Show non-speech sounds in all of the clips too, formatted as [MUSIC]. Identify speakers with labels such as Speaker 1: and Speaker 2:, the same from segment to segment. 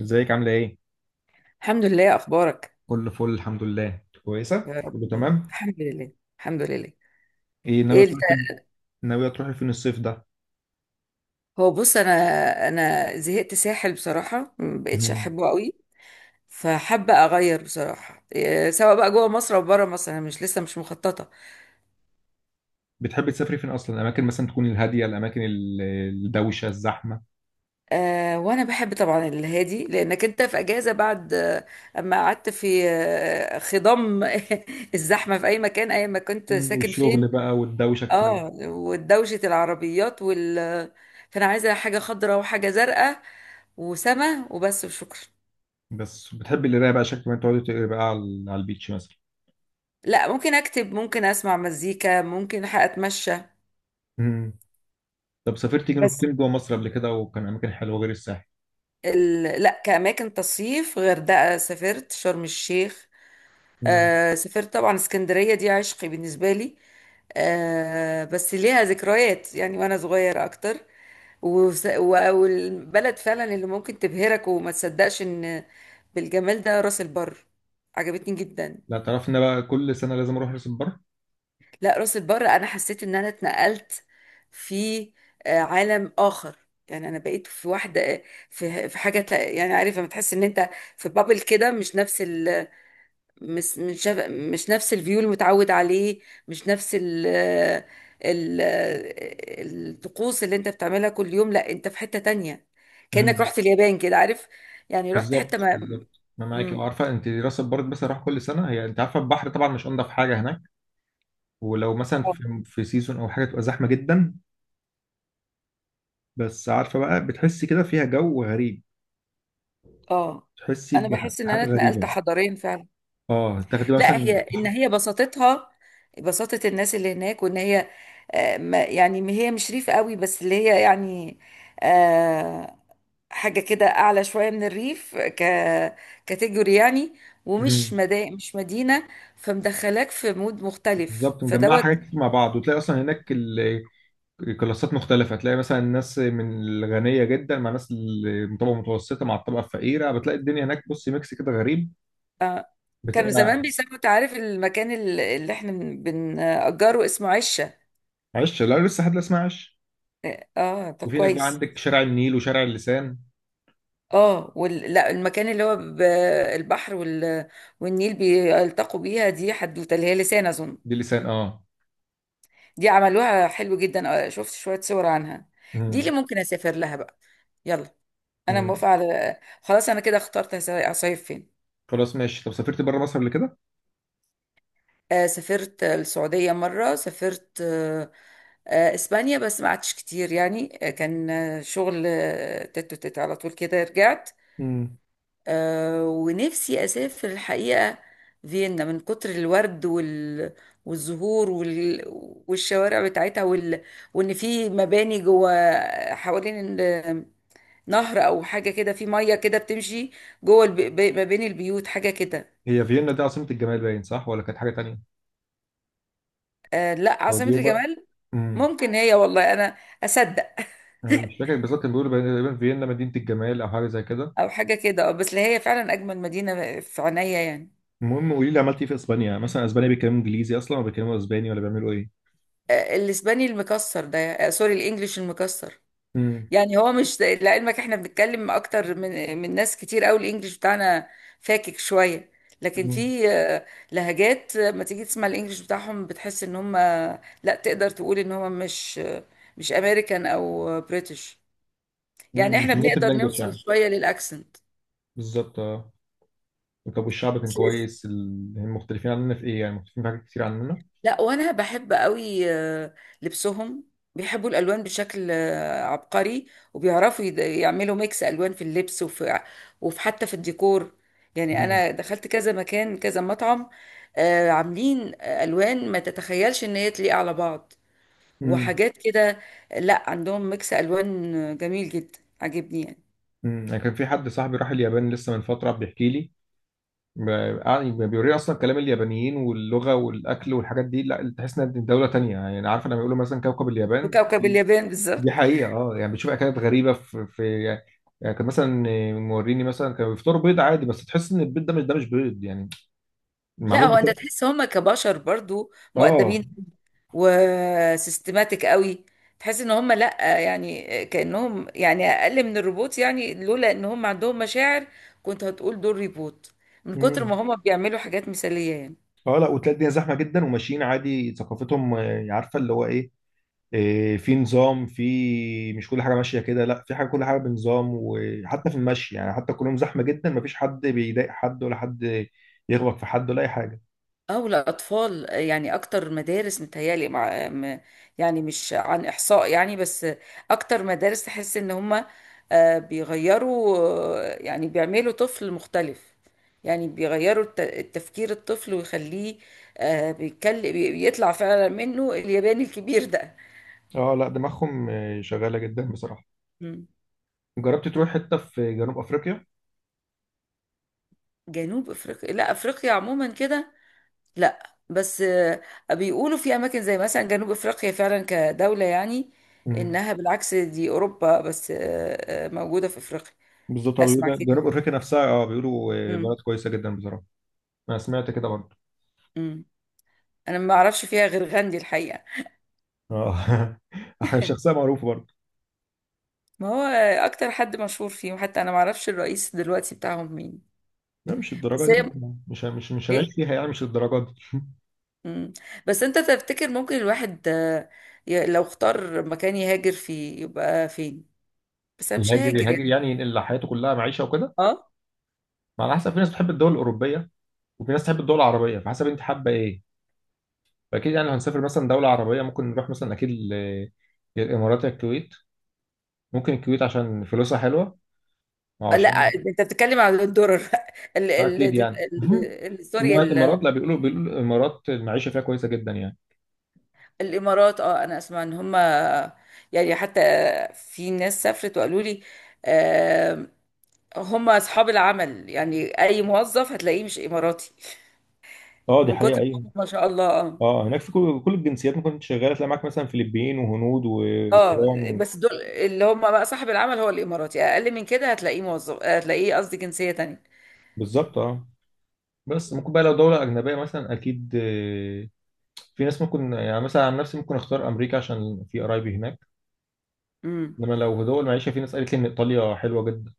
Speaker 1: ازيك عاملة ايه؟
Speaker 2: الحمد لله. اخبارك؟
Speaker 1: كله فل الحمد لله
Speaker 2: يا
Speaker 1: كويسة؟
Speaker 2: رب.
Speaker 1: كله تمام؟
Speaker 2: الحمد لله. الحمد لله.
Speaker 1: ايه ناوية
Speaker 2: ايه الت-
Speaker 1: تروحي فين؟ ناوية تروحي فين الصيف ده؟
Speaker 2: هو بص انا زهقت ساحل بصراحه، ما بقتش
Speaker 1: مم.
Speaker 2: احبه قوي. فحابه اغير بصراحه، سواء بقى جوه مصر او بره مصر. انا مش لسه مش مخططه.
Speaker 1: بتحبي تسافري فين أصلا؟ الأماكن مثلا تكون الهادية، الأماكن الدوشة، الزحمة.
Speaker 2: أه، وانا بحب طبعا الهادي لانك انت في اجازه بعد، اما قعدت في خضم [LAUGHS] الزحمه في اي مكان، اي ما كنت ساكن فين.
Speaker 1: والشغل بقى والدوشة كتير.
Speaker 2: اه، ودوشه العربيات فانا عايزه حاجه خضراء وحاجه زرقاء وسما، وبس وشكرا.
Speaker 1: بس بتحبي القراية بقى، شكل ما تقعدي تقري بقى على البيتش مثلا.
Speaker 2: لا، ممكن اكتب، ممكن اسمع مزيكا، ممكن اتمشى.
Speaker 1: مم. طب سافرتي جنوب
Speaker 2: بس
Speaker 1: فين جوه مصر قبل كده، وكان أماكن حلوة غير الساحل؟
Speaker 2: لا، كأماكن تصيف غردقة، سافرت شرم الشيخ.
Speaker 1: مم.
Speaker 2: سافرت طبعا اسكندرية، دي عشقي بالنسبة لي. بس ليها ذكريات يعني، وانا صغيرة اكتر. والبلد فعلا اللي ممكن تبهرك وما تصدقش ان بالجمال ده راس البر. عجبتني جدا.
Speaker 1: لا تعرفي إن أنا بقى كل سنة لازم أروح راس البر؟
Speaker 2: لا، راس البر انا حسيت ان انا اتنقلت في عالم اخر. يعني انا بقيت في واحده. يعني عارفه لما تحس ان انت في بابل كده. مش نفس الفيو المتعود عليه. مش نفس ال ال الطقوس اللي انت بتعملها كل يوم. لا، انت في حته تانية كانك
Speaker 1: مم.
Speaker 2: رحت اليابان كده، عارف؟ يعني رحت حته
Speaker 1: بالظبط
Speaker 2: ما.
Speaker 1: بالظبط، انا معاك،
Speaker 2: مم.
Speaker 1: عارفه انت راس البر بس اروح كل سنه. هي انت عارفه البحر طبعا مش انضف حاجه هناك، ولو مثلا
Speaker 2: اه.
Speaker 1: في سيزون او حاجه تبقى زحمه جدا. بس عارفه بقى، بتحسي كده فيها جو غريب،
Speaker 2: آه.
Speaker 1: تحسي
Speaker 2: انا بحس ان انا
Speaker 1: بحاجه
Speaker 2: اتنقلت
Speaker 1: غريبه.
Speaker 2: حضاريا فعلا.
Speaker 1: اه تاخدي
Speaker 2: لا، هي
Speaker 1: مثلا.
Speaker 2: ان هي بساطتها، بساطة الناس اللي هناك، وان هي يعني ما هي مش ريف قوي، بس اللي هي يعني آه، حاجة كده اعلى شوية من الريف، كاتيجوري يعني. ومش
Speaker 1: مم.
Speaker 2: مش مدينة. فمدخلاك في مود مختلف
Speaker 1: بالظبط، مجمعه
Speaker 2: فدوت.
Speaker 1: حاجات كتير مع بعض، وتلاقي اصلا هناك الكلاسات مختلفه. تلاقي مثلا الناس من الغنيه جدا مع ناس من الطبقه المتوسطه مع الطبقه الفقيره، بتلاقي الدنيا هناك بصي ميكس كده غريب.
Speaker 2: آه، كانوا
Speaker 1: بتبقى
Speaker 2: زمان بيسموا، تعرف المكان اللي احنا بنأجره اسمه عشة.
Speaker 1: عش. لا لسه حد، لا اسمها عش.
Speaker 2: اه طب
Speaker 1: وفي هناك بقى
Speaker 2: كويس.
Speaker 1: عندك شارع النيل وشارع اللسان.
Speaker 2: اه لا، المكان اللي هو البحر والنيل بيلتقوا بيها دي، حدوته اللي هي لسان اظن.
Speaker 1: دي لسان اه.
Speaker 2: دي عملوها حلو جدا. شفت شوية صور عنها. دي اللي
Speaker 1: مم.
Speaker 2: ممكن اسافر لها بقى. يلا. انا
Speaker 1: مم.
Speaker 2: موافقة. على خلاص انا كده اخترت هصيف فين.
Speaker 1: خلاص ماشي. طب سافرت بره مصر قبل كده؟
Speaker 2: سافرت السعودية مرة، سافرت اسبانيا. بس ما قعدتش كتير يعني. كان شغل تت وتت على طول كده رجعت.
Speaker 1: مم.
Speaker 2: آه، ونفسي أسافر الحقيقة فيينا، من كتر الورد والزهور والشوارع بتاعتها وإن في مباني جوه حوالين نهر أو حاجة كده، في مية كده بتمشي جوه ما بين البيوت حاجة كده.
Speaker 1: هي فيينا دي عاصمة الجمال باين صح، ولا كانت حاجة تانية؟
Speaker 2: آه، لا
Speaker 1: أو
Speaker 2: عاصمة
Speaker 1: بيوبا.
Speaker 2: الجمال.
Speaker 1: امم
Speaker 2: ممكن هي، والله أنا أصدق.
Speaker 1: أنا مش فاكر بالظبط، كان بيقولوا تقريبا فيينا مدينة الجمال أو حاجة زي كده.
Speaker 2: [LAUGHS] أو حاجة كده. بس اللي هي فعلا أجمل مدينة في عينيا يعني.
Speaker 1: المهم قولي لي، عملت إيه في إسبانيا؟ مثلا إسبانيا بيتكلموا إنجليزي أصلا، ولا بيتكلموا إسباني، ولا بيعملوا إيه؟
Speaker 2: آه، الإسباني المكسر ده. سوري الإنجليش المكسر.
Speaker 1: امم.
Speaker 2: يعني هو، مش لعلمك، احنا بنتكلم اكتر من ناس كتير قوي، الانجليش بتاعنا فاكك شويه. لكن
Speaker 1: امم.
Speaker 2: في لهجات. لما تيجي تسمع الانجليش بتاعهم بتحس ان هم لا، تقدر تقول ان هم مش مش امريكان او بريتش. يعني
Speaker 1: أمم.
Speaker 2: احنا
Speaker 1: مش الناتيف
Speaker 2: بنقدر
Speaker 1: لانجوج
Speaker 2: نوصل
Speaker 1: يعني.
Speaker 2: شويه للاكسنت.
Speaker 1: بالظبط اه. طب والشعب كان كويس؟ هم مختلفين عننا في إيه يعني؟ مختلفين في حاجات كتير عننا؟
Speaker 2: لا، وانا بحب قوي لبسهم. بيحبوا الالوان بشكل عبقري. وبيعرفوا يعملوا ميكس الوان في اللبس وفي حتى في الديكور. يعني
Speaker 1: امم.
Speaker 2: انا دخلت كذا مكان كذا مطعم. عاملين الوان ما تتخيلش ان هي تليق على بعض،
Speaker 1: أمم.
Speaker 2: وحاجات كده. لا، عندهم ميكس الوان جميل جدا، عجبني يعني.
Speaker 1: أنا كان في حد صاحبي راح اليابان لسه من فترة بيحكي لي. ب- يعني بيوريه أصلا كلام اليابانيين واللغة والأكل والحاجات دي، لا تحس إنها دولة تانية. يعني عارف لما بيقولوا مثلا كوكب اليابان
Speaker 2: وكوكب
Speaker 1: دي،
Speaker 2: اليابان بالظبط.
Speaker 1: دي حقيقة. أه يعني بتشوف أكلات غريبة في يعني. كان مثلا موريني مثلا كانوا بيفطروا بيض عادي، بس تحس إن البيض ده مش بيض يعني،
Speaker 2: لا،
Speaker 1: معمول
Speaker 2: هو انت
Speaker 1: بتاع.
Speaker 2: تحس هم كبشر برضو
Speaker 1: أه.
Speaker 2: مؤدبين، وسيستماتيك قوي. تحس ان هم، لا يعني، كأنهم يعني اقل من الروبوت يعني. لولا ان هم عندهم مشاعر كنت هتقول دول ريبوت من كتر
Speaker 1: امم.
Speaker 2: ما هم بيعملوا حاجات مثالية يعني.
Speaker 1: أه لا، وتلاقي الدنيا زحمة جدا، وماشيين عادي، ثقافتهم عارفة اللي هو إيه. إيه، في نظام، في مش كل حاجه ماشيه كده، لا في حاجه كل حاجه بنظام، وحتى في المشي، يعني حتى كلهم زحمه جدا، مفيش حد بيضايق حد، ولا حد يغلط في حد ولا اي حاجه.
Speaker 2: او الاطفال. يعني اكتر مدارس متهيالي مع يعني مش عن احصاء يعني، بس اكتر مدارس تحس ان هم بيغيروا. يعني بيعملوا طفل مختلف. يعني بيغيروا التفكير الطفل ويخليه بيطلع فعلا منه الياباني الكبير ده.
Speaker 1: اه لا، دماغهم شغاله جدا بصراحه.
Speaker 2: مم.
Speaker 1: جربت تروح حته في جنوب افريقيا؟
Speaker 2: جنوب افريقيا؟ لا، افريقيا عموما كده، لا. بس بيقولوا في اماكن زي مثلا جنوب افريقيا فعلا كدولة، يعني
Speaker 1: امم.
Speaker 2: انها بالعكس دي اوروبا بس موجودة في افريقيا.
Speaker 1: بالظبط
Speaker 2: اسمع
Speaker 1: بيقولوا
Speaker 2: كده
Speaker 1: جنوب
Speaker 2: يعني.
Speaker 1: افريقيا نفسها. اه بيقولوا
Speaker 2: امم.
Speaker 1: بلد كويسه جدا بصراحه. انا سمعت كده برضه.
Speaker 2: امم. انا ما اعرفش فيها غير غاندي الحقيقة.
Speaker 1: اه [LAUGHS] حاجة شخصيه
Speaker 2: [LAUGHS]
Speaker 1: معروفه برضه.
Speaker 2: ما هو اكتر حد مشهور فيهم، حتى انا ما اعرفش الرئيس دلوقتي بتاعهم مين.
Speaker 1: لا، مش الدرجه
Speaker 2: بس
Speaker 1: دي
Speaker 2: هي.
Speaker 1: بقى. مش
Speaker 2: ايه.
Speaker 1: هنعيش فيها يعني، مش الدرجه دي.
Speaker 2: امم. بس انت تفتكر ممكن الواحد لو اختار مكان يهاجر فيه يبقى فين؟ بس انا مش
Speaker 1: يهاجر
Speaker 2: هاجر
Speaker 1: يهاجر
Speaker 2: يعني.
Speaker 1: يعني ينقل حياته كلها، معيشه وكده.
Speaker 2: اه.
Speaker 1: ما على حسب، في ناس بتحب الدول الاوروبيه، وفي ناس تحب الدول العربيه، فحسب انت حابه ايه. فاكيد يعني لو هنسافر مثلا دوله عربيه ممكن نروح مثلا اكيد يا الامارات يا الكويت. ممكن الكويت عشان فلوسها حلوه، وعشان
Speaker 2: لا، انت بتتكلم على الدرر. [LAUGHS] ال ال
Speaker 1: اكيد
Speaker 2: ال
Speaker 1: يعني مهم.
Speaker 2: سوري
Speaker 1: إنما الامارات، لا بيقولوا الامارات المعيشه فيها كويسه جدا يعني.
Speaker 2: الامارات. اه، انا اسمع ان هم يعني، حتى في ناس سافرت وقالوا لي هم اصحاب العمل. يعني اي موظف هتلاقيه مش اماراتي،
Speaker 1: اه دي
Speaker 2: من
Speaker 1: حقيقة،
Speaker 2: كتر ما
Speaker 1: أيوة.
Speaker 2: هم ما شاء الله. اه.
Speaker 1: اه هناك في كل الجنسيات، ممكن كنت شغالة تلاقي معاك مثلا فلبين وهنود
Speaker 2: اه،
Speaker 1: وأوكران
Speaker 2: بس دول اللي هم بقى صاحب العمل هو الاماراتي، اقل من كده هتلاقيه موظف، هتلاقيه قصدي جنسية تانية.
Speaker 1: بالظبط اه. بس ممكن بقى لو دولة أجنبية مثلا، أكيد في ناس ممكن، يعني مثلا عن نفسي ممكن أختار أمريكا عشان في قرايبي هناك.
Speaker 2: امم.
Speaker 1: انما لو دول معيشه، في ناس قالت لي ان ايطاليا حلوه جدا.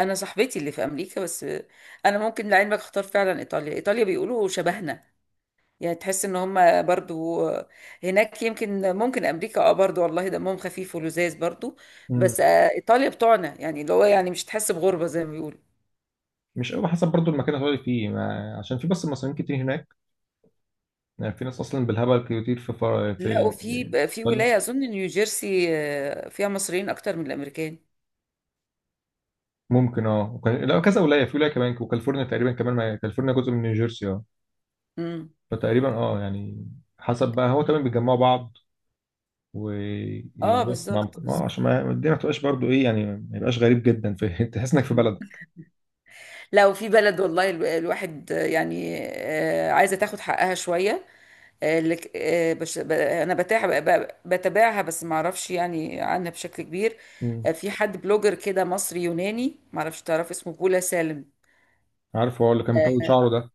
Speaker 2: انا صاحبتي اللي في امريكا بس. انا ممكن، لعلمك، اختار فعلا ايطاليا. ايطاليا بيقولوا شبهنا، يعني تحس ان هم برضو هناك. يمكن ممكن امريكا، اه برضو، والله دمهم خفيف ولذاذ برضو.
Speaker 1: امم.
Speaker 2: بس ايطاليا بتوعنا يعني، اللي هو يعني مش تحس بغربة زي ما بيقولوا.
Speaker 1: مش قوي، حسب برضو المكان اللي هتقعد فيه ما... عشان في بس مصريين كتير هناك. يعني في ناس اصلا بالهبل كتير في
Speaker 2: لا، وفي
Speaker 1: ايطاليا.
Speaker 2: ولاية اظن نيوجيرسي فيها مصريين اكتر من الامريكان.
Speaker 1: ممكن اه. لا كذا ولايه، في ولايه كمان، وكاليفورنيا تقريبا كمان ما... كاليفورنيا جزء من نيوجيرسي اه.
Speaker 2: امم.
Speaker 1: فتقريبا اه يعني، حسب بقى، هو كمان بيجمعوا بعض
Speaker 2: اه،
Speaker 1: ويقعدوا مع.
Speaker 2: بالظبط
Speaker 1: اه
Speaker 2: بالظبط.
Speaker 1: عشان ما الدنيا ما تبقاش برضو ايه يعني، ما يبقاش غريب جدا في [LAUGHS] تحس انك في
Speaker 2: مم.
Speaker 1: بلدك.
Speaker 2: لا، وفي بلد والله الواحد عايزة تاخد حقها شوية. اللي انا بتاع بتابعها، بس ما اعرفش يعني عنها بشكل كبير.
Speaker 1: امم.
Speaker 2: في حد بلوجر كده مصري يوناني، ما اعرفش، تعرف اسمه بولا سالم.
Speaker 1: عارف، هو اللي كان مطول
Speaker 2: آه،
Speaker 1: شعره ده.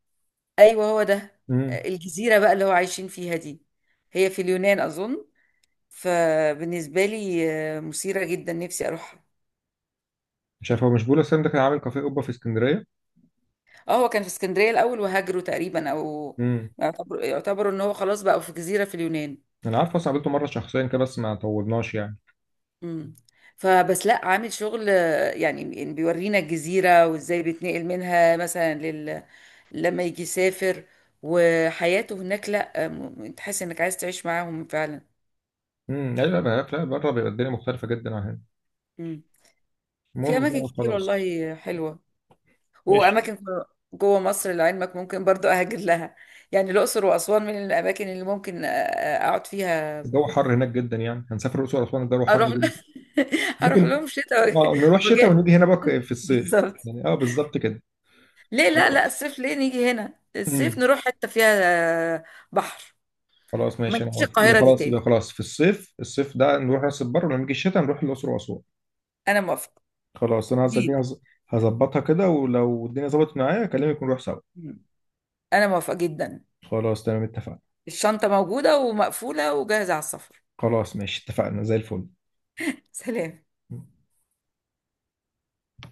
Speaker 2: ايوه هو ده.
Speaker 1: امم.
Speaker 2: الجزيره بقى اللي هو عايشين فيها دي، هي في اليونان اظن. فبالنسبه لي مثيره جدا، نفسي اروحها.
Speaker 1: مش عارف، هو مش بيقول السنة ده كان عامل كافيه اوبا في اسكندريه؟
Speaker 2: اه، هو كان في اسكندريه الاول وهاجروا تقريبا. او
Speaker 1: امم.
Speaker 2: يعتبروا ان هو خلاص بقى في جزيره في اليونان.
Speaker 1: انا عارف، بس قابلته مره شخصيا كده بس ما طولناش يعني.
Speaker 2: مم. فبس لا، عامل شغل. يعني بيورينا الجزيرة وازاي بيتنقل منها مثلا لما يجي يسافر، وحياته هناك. لا تحس انك عايز تعيش معاهم فعلا.
Speaker 1: امم. لا، لا. لا بره بيبقى الدنيا مختلفه جدا عن هنا.
Speaker 2: مم. في
Speaker 1: المهم
Speaker 2: اماكن
Speaker 1: بقى
Speaker 2: كتير
Speaker 1: خلاص.
Speaker 2: والله حلوة.
Speaker 1: ماشي.
Speaker 2: واماكن جوه مصر لعلمك ممكن برضو اهاجر لها. يعني الاقصر واسوان من الاماكن اللي ممكن اقعد فيها.
Speaker 1: الجو حر هناك جدا يعني، هنسافر الاقصر واسوان الجو حر
Speaker 2: اروح
Speaker 1: جدا.
Speaker 2: [LAUGHS] اروح
Speaker 1: ممكن
Speaker 2: لهم شتاء
Speaker 1: نروح شتاء
Speaker 2: وجاء.
Speaker 1: ونيجي هنا بقى في الصيف
Speaker 2: بالظبط.
Speaker 1: يعني، اه بالظبط كده.
Speaker 2: ليه؟ لا لا،
Speaker 1: خلاص.
Speaker 2: الصيف ليه نيجي هنا، الصيف
Speaker 1: امم.
Speaker 2: نروح حتة فيها آه، بحر.
Speaker 1: خلاص
Speaker 2: ما
Speaker 1: ماشي انا
Speaker 2: نجيش
Speaker 1: موافق، يبقى
Speaker 2: القاهرة دي
Speaker 1: خلاص، يبقى
Speaker 2: تاني.
Speaker 1: خلاص في الصيف، الصيف ده نروح راس البر، ولما نيجي الشتاء نروح الاقصر واسوان.
Speaker 2: انا موافقة
Speaker 1: خلاص، انا
Speaker 2: دي.
Speaker 1: هظبطها كده، ولو الدنيا ظبطت معايا اكلمك ونروح سوا.
Speaker 2: انا موافقة جدا.
Speaker 1: خلاص تمام اتفقنا.
Speaker 2: الشنطة موجودة ومقفولة وجاهزة على السفر.
Speaker 1: خلاص ماشي اتفقنا زي الفل.
Speaker 2: [LAUGHS] سلام.